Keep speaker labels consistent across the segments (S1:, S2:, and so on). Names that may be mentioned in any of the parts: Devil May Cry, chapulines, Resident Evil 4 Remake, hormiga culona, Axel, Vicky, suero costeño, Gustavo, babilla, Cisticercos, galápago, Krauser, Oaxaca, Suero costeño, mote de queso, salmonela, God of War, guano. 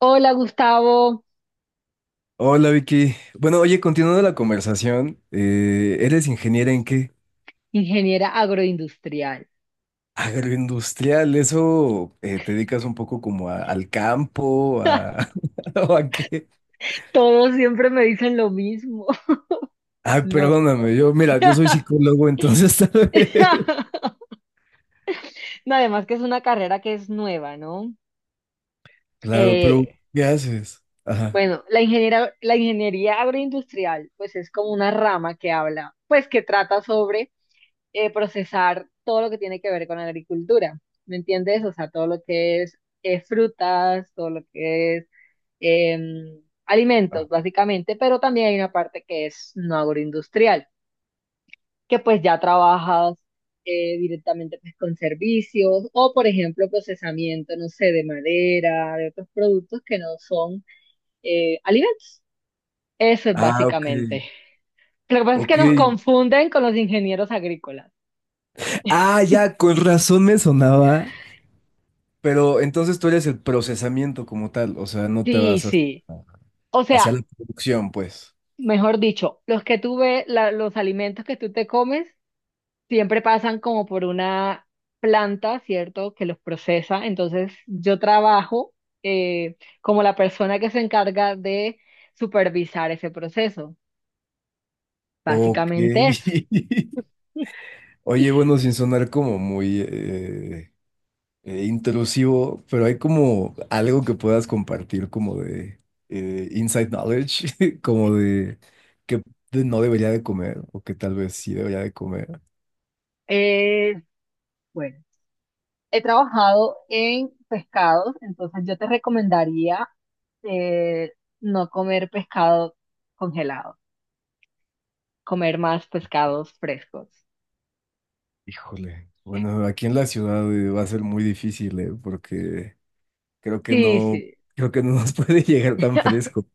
S1: Hola Gustavo,
S2: Hola Vicky. Bueno, oye, continuando la conversación, ¿eres ingeniera en qué?
S1: ingeniera agroindustrial.
S2: Agroindustrial, ¿eso te dedicas un poco como al campo, a, o a qué?
S1: Todos siempre me dicen lo mismo.
S2: Ay,
S1: No.
S2: perdóname, yo, mira, yo soy psicólogo, entonces tal vez.
S1: No, además que es una carrera que es nueva, ¿no?
S2: Claro, pero
S1: Eh,
S2: ¿qué haces? Ajá.
S1: bueno, la ingeniería agroindustrial, pues es como una rama que habla, pues que trata sobre procesar todo lo que tiene que ver con la agricultura. ¿Me entiendes? O sea, todo lo que es frutas, todo lo que es alimentos, básicamente, pero también hay una parte que es no agroindustrial, que pues ya trabajas directamente pues, con servicios o, por ejemplo, procesamiento, no sé, de madera, de otros productos que no son alimentos. Eso es
S2: Ah, ok,
S1: básicamente. Lo que pasa es que
S2: ok.
S1: nos confunden con los ingenieros agrícolas.
S2: Ah, ya, con razón me sonaba. Pero entonces tú eres el procesamiento como tal, o sea, no te
S1: Sí,
S2: vas
S1: sí. O
S2: hacia
S1: sea,
S2: la producción, pues.
S1: mejor dicho, los que tú ves, los alimentos que tú te comes siempre pasan como por una planta, ¿cierto? Que los procesa. Entonces, yo trabajo como la persona que se encarga de supervisar ese proceso.
S2: Ok.
S1: Básicamente eso.
S2: Oye, bueno, sin sonar como muy intrusivo, pero hay como algo que puedas compartir como de inside knowledge, como de que no debería de comer o que tal vez sí debería de comer.
S1: Eh, bueno, he trabajado en pescados, entonces yo te recomendaría eh, no comer pescado congelado, comer más pescados frescos.
S2: Híjole. Bueno, aquí en la ciudad va a ser muy difícil, porque creo que
S1: Sí,
S2: no,
S1: sí,
S2: creo que no nos puede llegar tan fresco.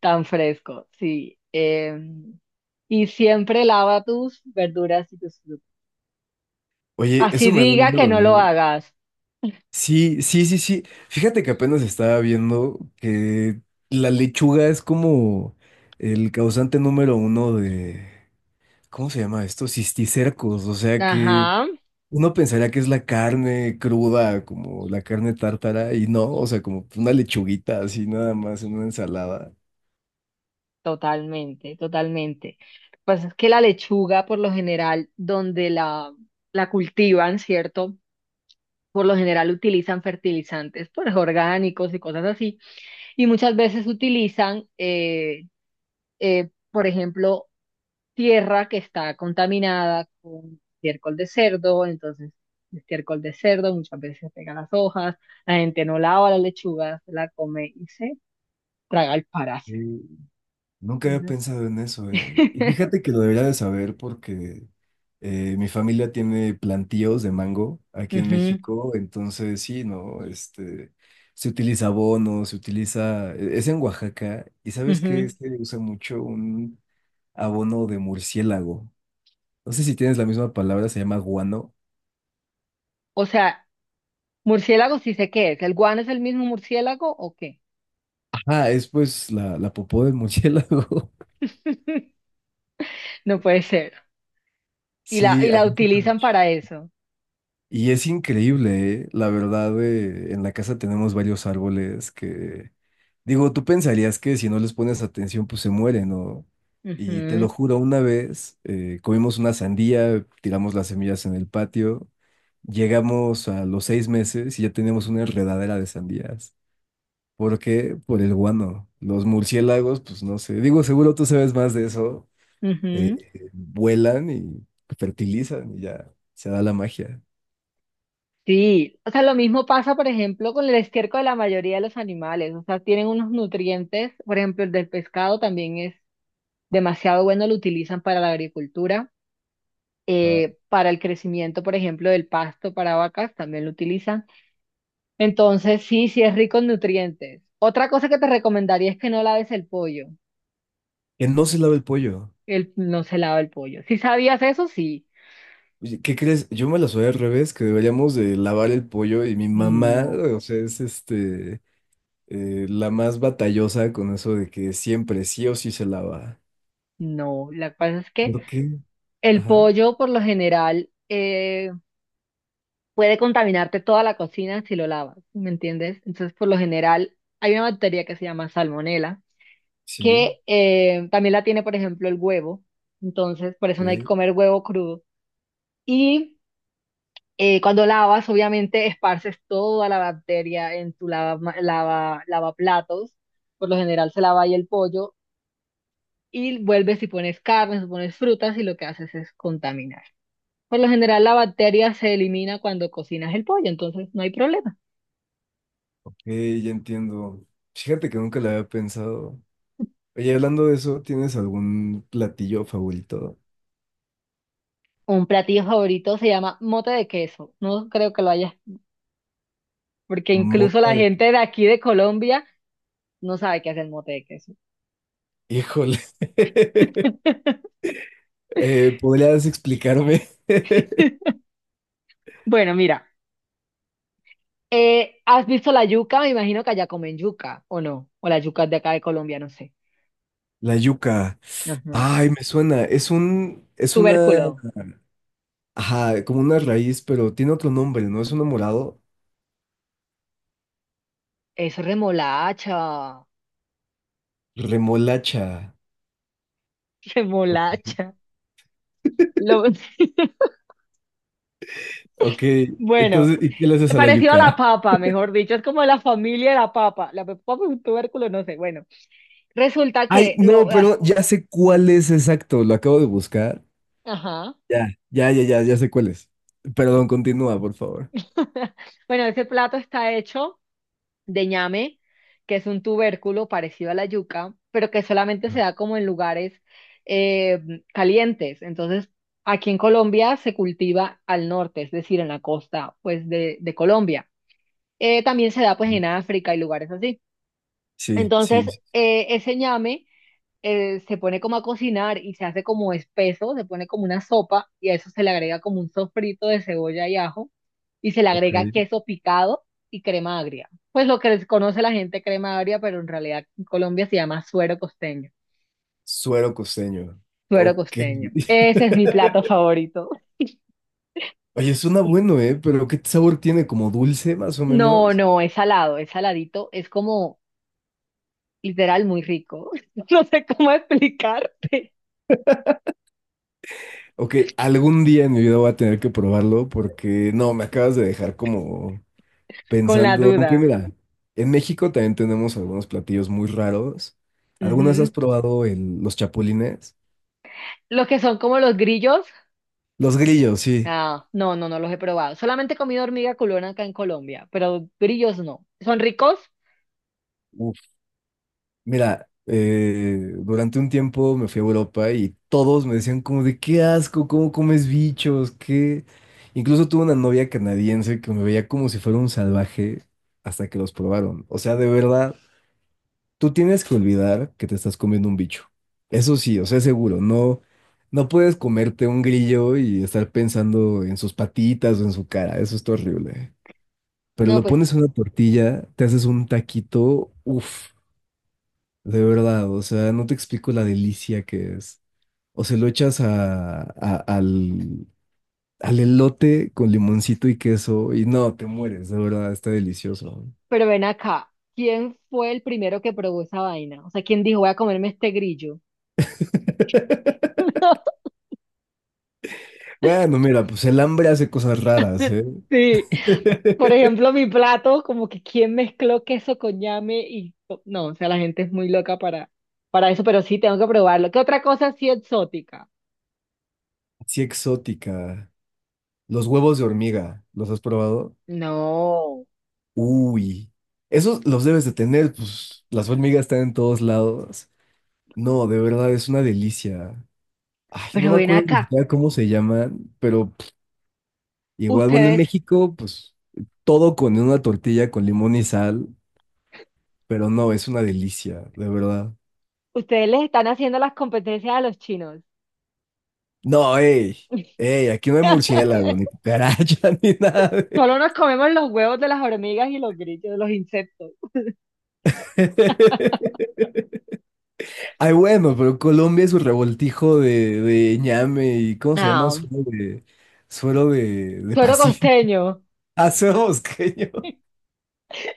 S1: tan fresco, sí. Y siempre lava tus verduras y tus frutas.
S2: Oye,
S1: Así
S2: eso me da
S1: diga que
S2: miedo,
S1: no lo
S2: ¿eh?
S1: hagas.
S2: Sí, sí, sí, sí. Fíjate que apenas estaba viendo que la lechuga es como el causante número uno de, ¿cómo se llama esto? Cisticercos. O sea que
S1: Ajá,
S2: uno pensaría que es la carne cruda, como la carne tártara, y no, o sea, como una lechuguita así nada más en una ensalada.
S1: totalmente, totalmente. Lo que pasa es que la lechuga, por lo general, la cultivan, ¿cierto? Por lo general utilizan fertilizantes, pues orgánicos y cosas así. Y muchas veces utilizan por ejemplo, tierra que está contaminada con estiércol de cerdo, entonces el estiércol de cerdo muchas veces pega las hojas, la gente no lava la lechuga, se la come y se traga el parásito.
S2: Nunca había
S1: Entonces,
S2: pensado en eso, eh. Y fíjate que lo debería de saber porque mi familia tiene plantíos de mango aquí en
S1: ujú,
S2: México, entonces sí, ¿no? Este, se utiliza abono, se utiliza, es en Oaxaca, y ¿sabes qué?
S1: ujú.
S2: Se usa mucho un abono de murciélago. No sé si tienes la misma palabra, se llama guano.
S1: O sea, murciélago sí sé qué es, ¿el guano es el mismo murciélago o qué?
S2: Ajá, es pues la popó del murciélago.
S1: No puede ser. Y la,
S2: Sí,
S1: y
S2: ahí
S1: la utilizan para eso.
S2: y es increíble, ¿eh? La verdad, en la casa tenemos varios árboles que, digo, tú pensarías que si no les pones atención, pues se mueren, ¿no? Y te lo
S1: Ujú,
S2: juro, una vez comimos una sandía, tiramos las semillas en el patio, llegamos a los 6 meses y ya teníamos una enredadera de sandías. ¿Por qué? Por el guano. Los murciélagos, pues no sé, digo, seguro tú sabes más de eso,
S1: ujú.
S2: vuelan y fertilizan y ya se da la magia.
S1: Sí, o sea, lo mismo pasa, por ejemplo, con el estiércol de la mayoría de los animales, o sea, tienen unos nutrientes, por ejemplo, el del pescado también es demasiado bueno, lo utilizan para la agricultura, para el crecimiento, por ejemplo, del pasto para vacas, también lo utilizan. Entonces, sí, sí es rico en nutrientes. Otra cosa que te recomendaría es que no laves el pollo,
S2: Que no se lava el pollo.
S1: no se lava el pollo. ¿Sí sabías eso? Sí.
S2: Oye, ¿qué crees? Yo me la soy al revés, que deberíamos de lavar el pollo y mi mamá,
S1: No,
S2: o sea, es este, la más batallosa con eso de que siempre sí o sí se lava.
S1: no, la cosa es que
S2: ¿Por qué?
S1: el
S2: Ajá,
S1: pollo por lo general... puede contaminarte toda la cocina si lo lavas, ¿me entiendes? Entonces, por lo general, hay una bacteria que se llama salmonela,
S2: sí,
S1: que también la tiene, por ejemplo, el huevo. Entonces, por eso no hay que
S2: ok,
S1: comer huevo crudo. Y cuando lavas, obviamente, esparces toda la bacteria en tu lavaplatos. Por lo general, se lava ahí el pollo y vuelves y pones carnes, pones frutas y lo que haces es contaminar. Por lo general, la bacteria se elimina cuando cocinas el pollo, entonces no hay problema.
S2: ok, ya entiendo. Fíjate que nunca lo había pensado. Oye, hablando de eso, ¿tienes algún platillo favorito?
S1: Un platillo favorito se llama mote de queso. No creo que lo haya, porque incluso
S2: Mota
S1: la
S2: de... que-
S1: gente de aquí de Colombia no sabe qué hace el mote de queso.
S2: Híjole. ¿Podrías explicarme?
S1: Bueno, mira, ¿has visto la yuca? Me imagino que allá comen yuca, ¿o no? O la yuca es de acá de Colombia, no sé.
S2: La yuca.
S1: Ajá.
S2: Ay, me suena. Es un, es una,
S1: Tubérculo.
S2: ajá, como una raíz, pero tiene otro nombre, ¿no? Es un morado.
S1: Eso es remolacha.
S2: Remolacha. Ok,
S1: Remolacha. Lo-
S2: ok,
S1: Bueno,
S2: entonces, ¿y qué le haces a la
S1: parecido a la
S2: yuca?
S1: papa, mejor dicho. Es como la familia de la papa. La papa es un tubérculo, no sé. Bueno, resulta
S2: Ay,
S1: que
S2: no,
S1: lo... ah,
S2: pero ya sé cuál es exacto. Lo acabo de buscar.
S1: ajá.
S2: Ya, ya, ya, ya, ya sé cuál es. Perdón, continúa, por favor.
S1: Bueno, ese plato está hecho de ñame, que es un tubérculo parecido a la yuca, pero que solamente se da como en lugares eh, calientes. Entonces, aquí en Colombia se cultiva al norte, es decir, en la costa, pues, de Colombia. También se da, pues, en África y lugares así.
S2: Sí, sí,
S1: Entonces,
S2: sí,
S1: ese ñame se pone como a cocinar y se hace como espeso, se pone como una sopa y a eso se le agrega como un sofrito de cebolla y ajo y se le
S2: ok.
S1: agrega queso picado y crema agria. Pues lo que conoce la gente crema agria, pero en realidad en Colombia se llama suero costeño.
S2: Suero costeño.
S1: Suero
S2: Ok.
S1: costeño. Ese es mi plato favorito.
S2: Oye, suena bueno, ¿eh? Pero ¿qué sabor tiene? ¿Como dulce, más o
S1: No,
S2: menos?
S1: no, es salado, es saladito, es como literal muy rico. No sé cómo explicarte
S2: Ok, algún día en mi vida voy a tener que probarlo porque no, me acabas de dejar como
S1: con la
S2: pensando. Aunque
S1: duda.
S2: mira, en México también tenemos algunos platillos muy raros. ¿Algunas has
S1: Ujú.
S2: probado los chapulines?
S1: Los que son como los grillos,
S2: Los grillos, sí.
S1: ah, no, no, no los he probado. Solamente he comido hormiga culona acá en Colombia, pero grillos no. ¿Son ricos?
S2: Uf. Mira, durante un tiempo me fui a Europa y todos me decían como de qué asco, cómo comes bichos, qué... Incluso tuve una novia canadiense que me veía como si fuera un salvaje hasta que los probaron. O sea, de verdad. Tú tienes que olvidar que te estás comiendo un bicho. Eso sí, o sea, seguro, no, no puedes comerte un grillo y estar pensando en sus patitas o en su cara, eso está horrible. Pero
S1: No,
S2: lo
S1: pues,
S2: pones en una tortilla, te haces un taquito, uff, de verdad, o sea, no te explico la delicia que es. O se lo echas a, al, al elote con limoncito y queso y no, te mueres, de verdad, está delicioso.
S1: pero ven acá. ¿Quién fue el primero que probó esa vaina? O sea, ¿quién dijo, voy a comerme este grillo?
S2: Bueno, mira, pues el hambre hace cosas raras, ¿eh?
S1: Sí. Por ejemplo, mi plato, como que quién mezcló queso con ñame y... No, o sea, la gente es muy loca para eso, pero sí, tengo que probarlo. ¿Qué otra cosa así exótica?
S2: Sí, exótica. Los huevos de hormiga, ¿los has probado?
S1: No,
S2: Uy, esos los debes de tener, pues las hormigas están en todos lados. No, de verdad, es una delicia. Ay, no
S1: pero
S2: me
S1: ven
S2: acuerdo ni
S1: acá.
S2: siquiera cómo se llaman, pero pff, igual, bueno, en
S1: Ustedes,
S2: México, pues todo con una tortilla con limón y sal, pero no, es una delicia, de verdad.
S1: ustedes les están haciendo las competencias a los chinos.
S2: No, ey, ey, aquí no hay murciélago, ni cucaracha, ni nada. De-
S1: Solo nos comemos los huevos de las hormigas y los grillos, de los insectos.
S2: Ay, bueno, pero Colombia es un revoltijo de ñame y ¿cómo se llama?
S1: Ah,
S2: Suelo de
S1: suero
S2: Pacífico.
S1: costeño,
S2: Ah, suelo bosqueño.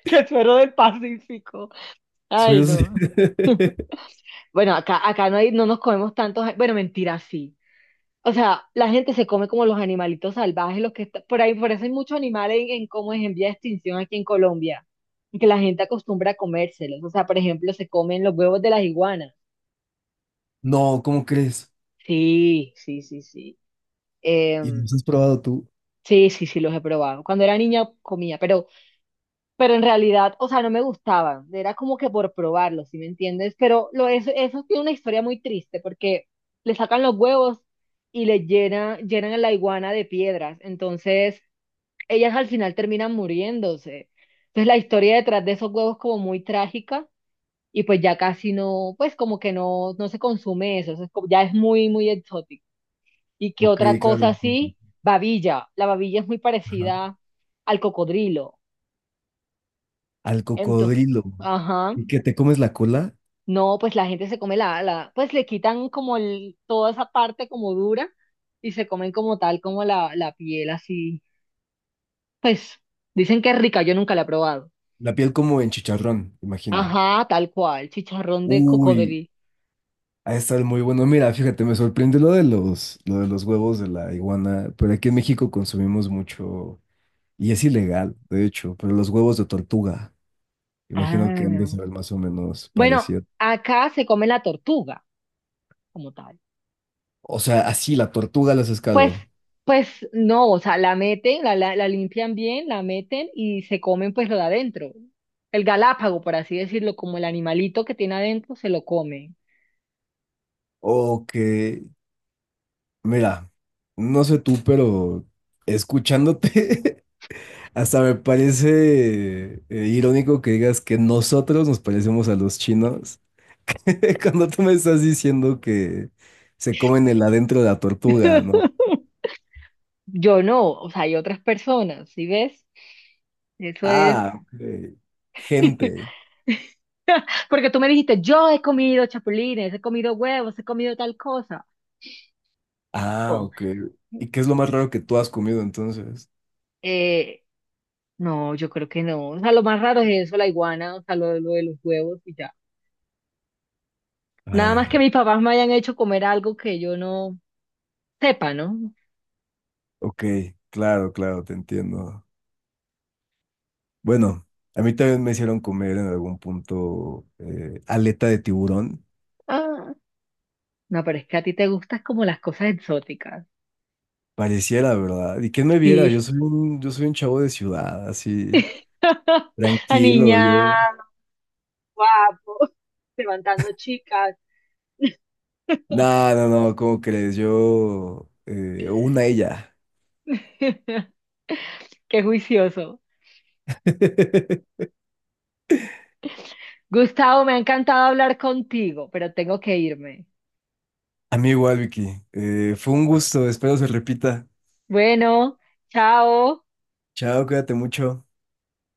S1: que suero del Pacífico. Ay,
S2: Suelo...
S1: no. Bueno, acá no hay, no nos comemos tantos. Bueno, mentira, sí. O sea, la gente se come como los animalitos salvajes, los que está- por ahí, por eso hay muchos animales en como en vía de extinción aquí en Colombia, que la gente acostumbra a comérselos. O sea, por ejemplo, se comen los huevos de las iguanas.
S2: No, ¿cómo crees?
S1: Sí, sí, sí, sí.
S2: ¿Y los
S1: Em,
S2: has probado tú?
S1: sí, sí, sí, los he probado. Cuando era niña comía, pero en realidad, o sea, no me gustaban, era como que por probarlo, ¿sí me entiendes? Pero lo, eso tiene una historia muy triste porque le sacan los huevos y llenan a la iguana de piedras, entonces ellas al final terminan muriéndose. Entonces la historia detrás de esos huevos como muy trágica y pues ya casi no, pues como que no, no se consume eso, eso es como- ya es muy, muy exótico. ¿Y qué
S2: Ok,
S1: otra
S2: claro,
S1: cosa
S2: bueno,
S1: así? Babilla, la babilla es muy
S2: ajá.
S1: parecida al cocodrilo,
S2: Al
S1: entonces,
S2: cocodrilo.
S1: ajá.
S2: ¿Y que te comes la cola?
S1: No, pues la gente se come pues le quitan como el- toda esa parte como dura y se comen como tal, como la piel así. Pues dicen que es rica, yo nunca la he probado.
S2: La piel como en chicharrón, imagino.
S1: Ajá, tal cual, chicharrón de
S2: Uy,
S1: cocodrilo.
S2: ha de estar muy bueno. Mira, fíjate, me sorprende lo de los huevos de la iguana, pero aquí en México consumimos mucho. Y es ilegal, de hecho, pero los huevos de tortuga, imagino que han de
S1: Ah.
S2: saber más o menos
S1: Bueno,
S2: parecido.
S1: acá se come la tortuga como tal.
S2: O sea, así la tortuga los
S1: Pues,
S2: pescado.
S1: pues no, o sea, la meten, la limpian bien, la meten y se comen pues lo de adentro. El galápago, por así decirlo, como el animalito que tiene adentro, se lo come.
S2: O que, mira, no sé tú, pero escuchándote, hasta me parece irónico que digas que nosotros nos parecemos a los chinos cuando tú me estás diciendo que se comen el adentro de la tortuga, ¿no?
S1: Yo no, o sea, hay otras personas, ¿sí ves? Eso es.
S2: Ah, ok. Gente.
S1: Porque tú me dijiste, yo he comido chapulines, he comido huevos, he comido tal cosa.
S2: Ah,
S1: Oh,
S2: ok. ¿Y qué es lo más raro que tú has comido entonces?
S1: eh, no, yo creo que no. O sea, lo más raro es eso, la iguana, o sea, lo de los huevos y ya. Nada más que
S2: Ay,
S1: mis papás me hayan hecho comer algo que yo no sepa, ¿no?
S2: ok, claro, claro, te entiendo. Bueno, a mí también me hicieron comer en algún punto aleta de tiburón.
S1: Ah, no, pero es que a ti te gustan como las cosas exóticas.
S2: Pareciera, ¿verdad? ¿Y quién me viera?
S1: Sí.
S2: Yo soy un chavo de ciudad, así, tranquilo, yo.
S1: Aniñado, guapo, levantando chicas.
S2: No, no, no, ¿cómo crees? Yo, una ella.
S1: Qué juicioso. Gustavo, me ha encantado hablar contigo, pero tengo que irme.
S2: A mí igual, Vicky. Fue un gusto, espero se repita.
S1: Bueno, chao.
S2: Chao, cuídate mucho.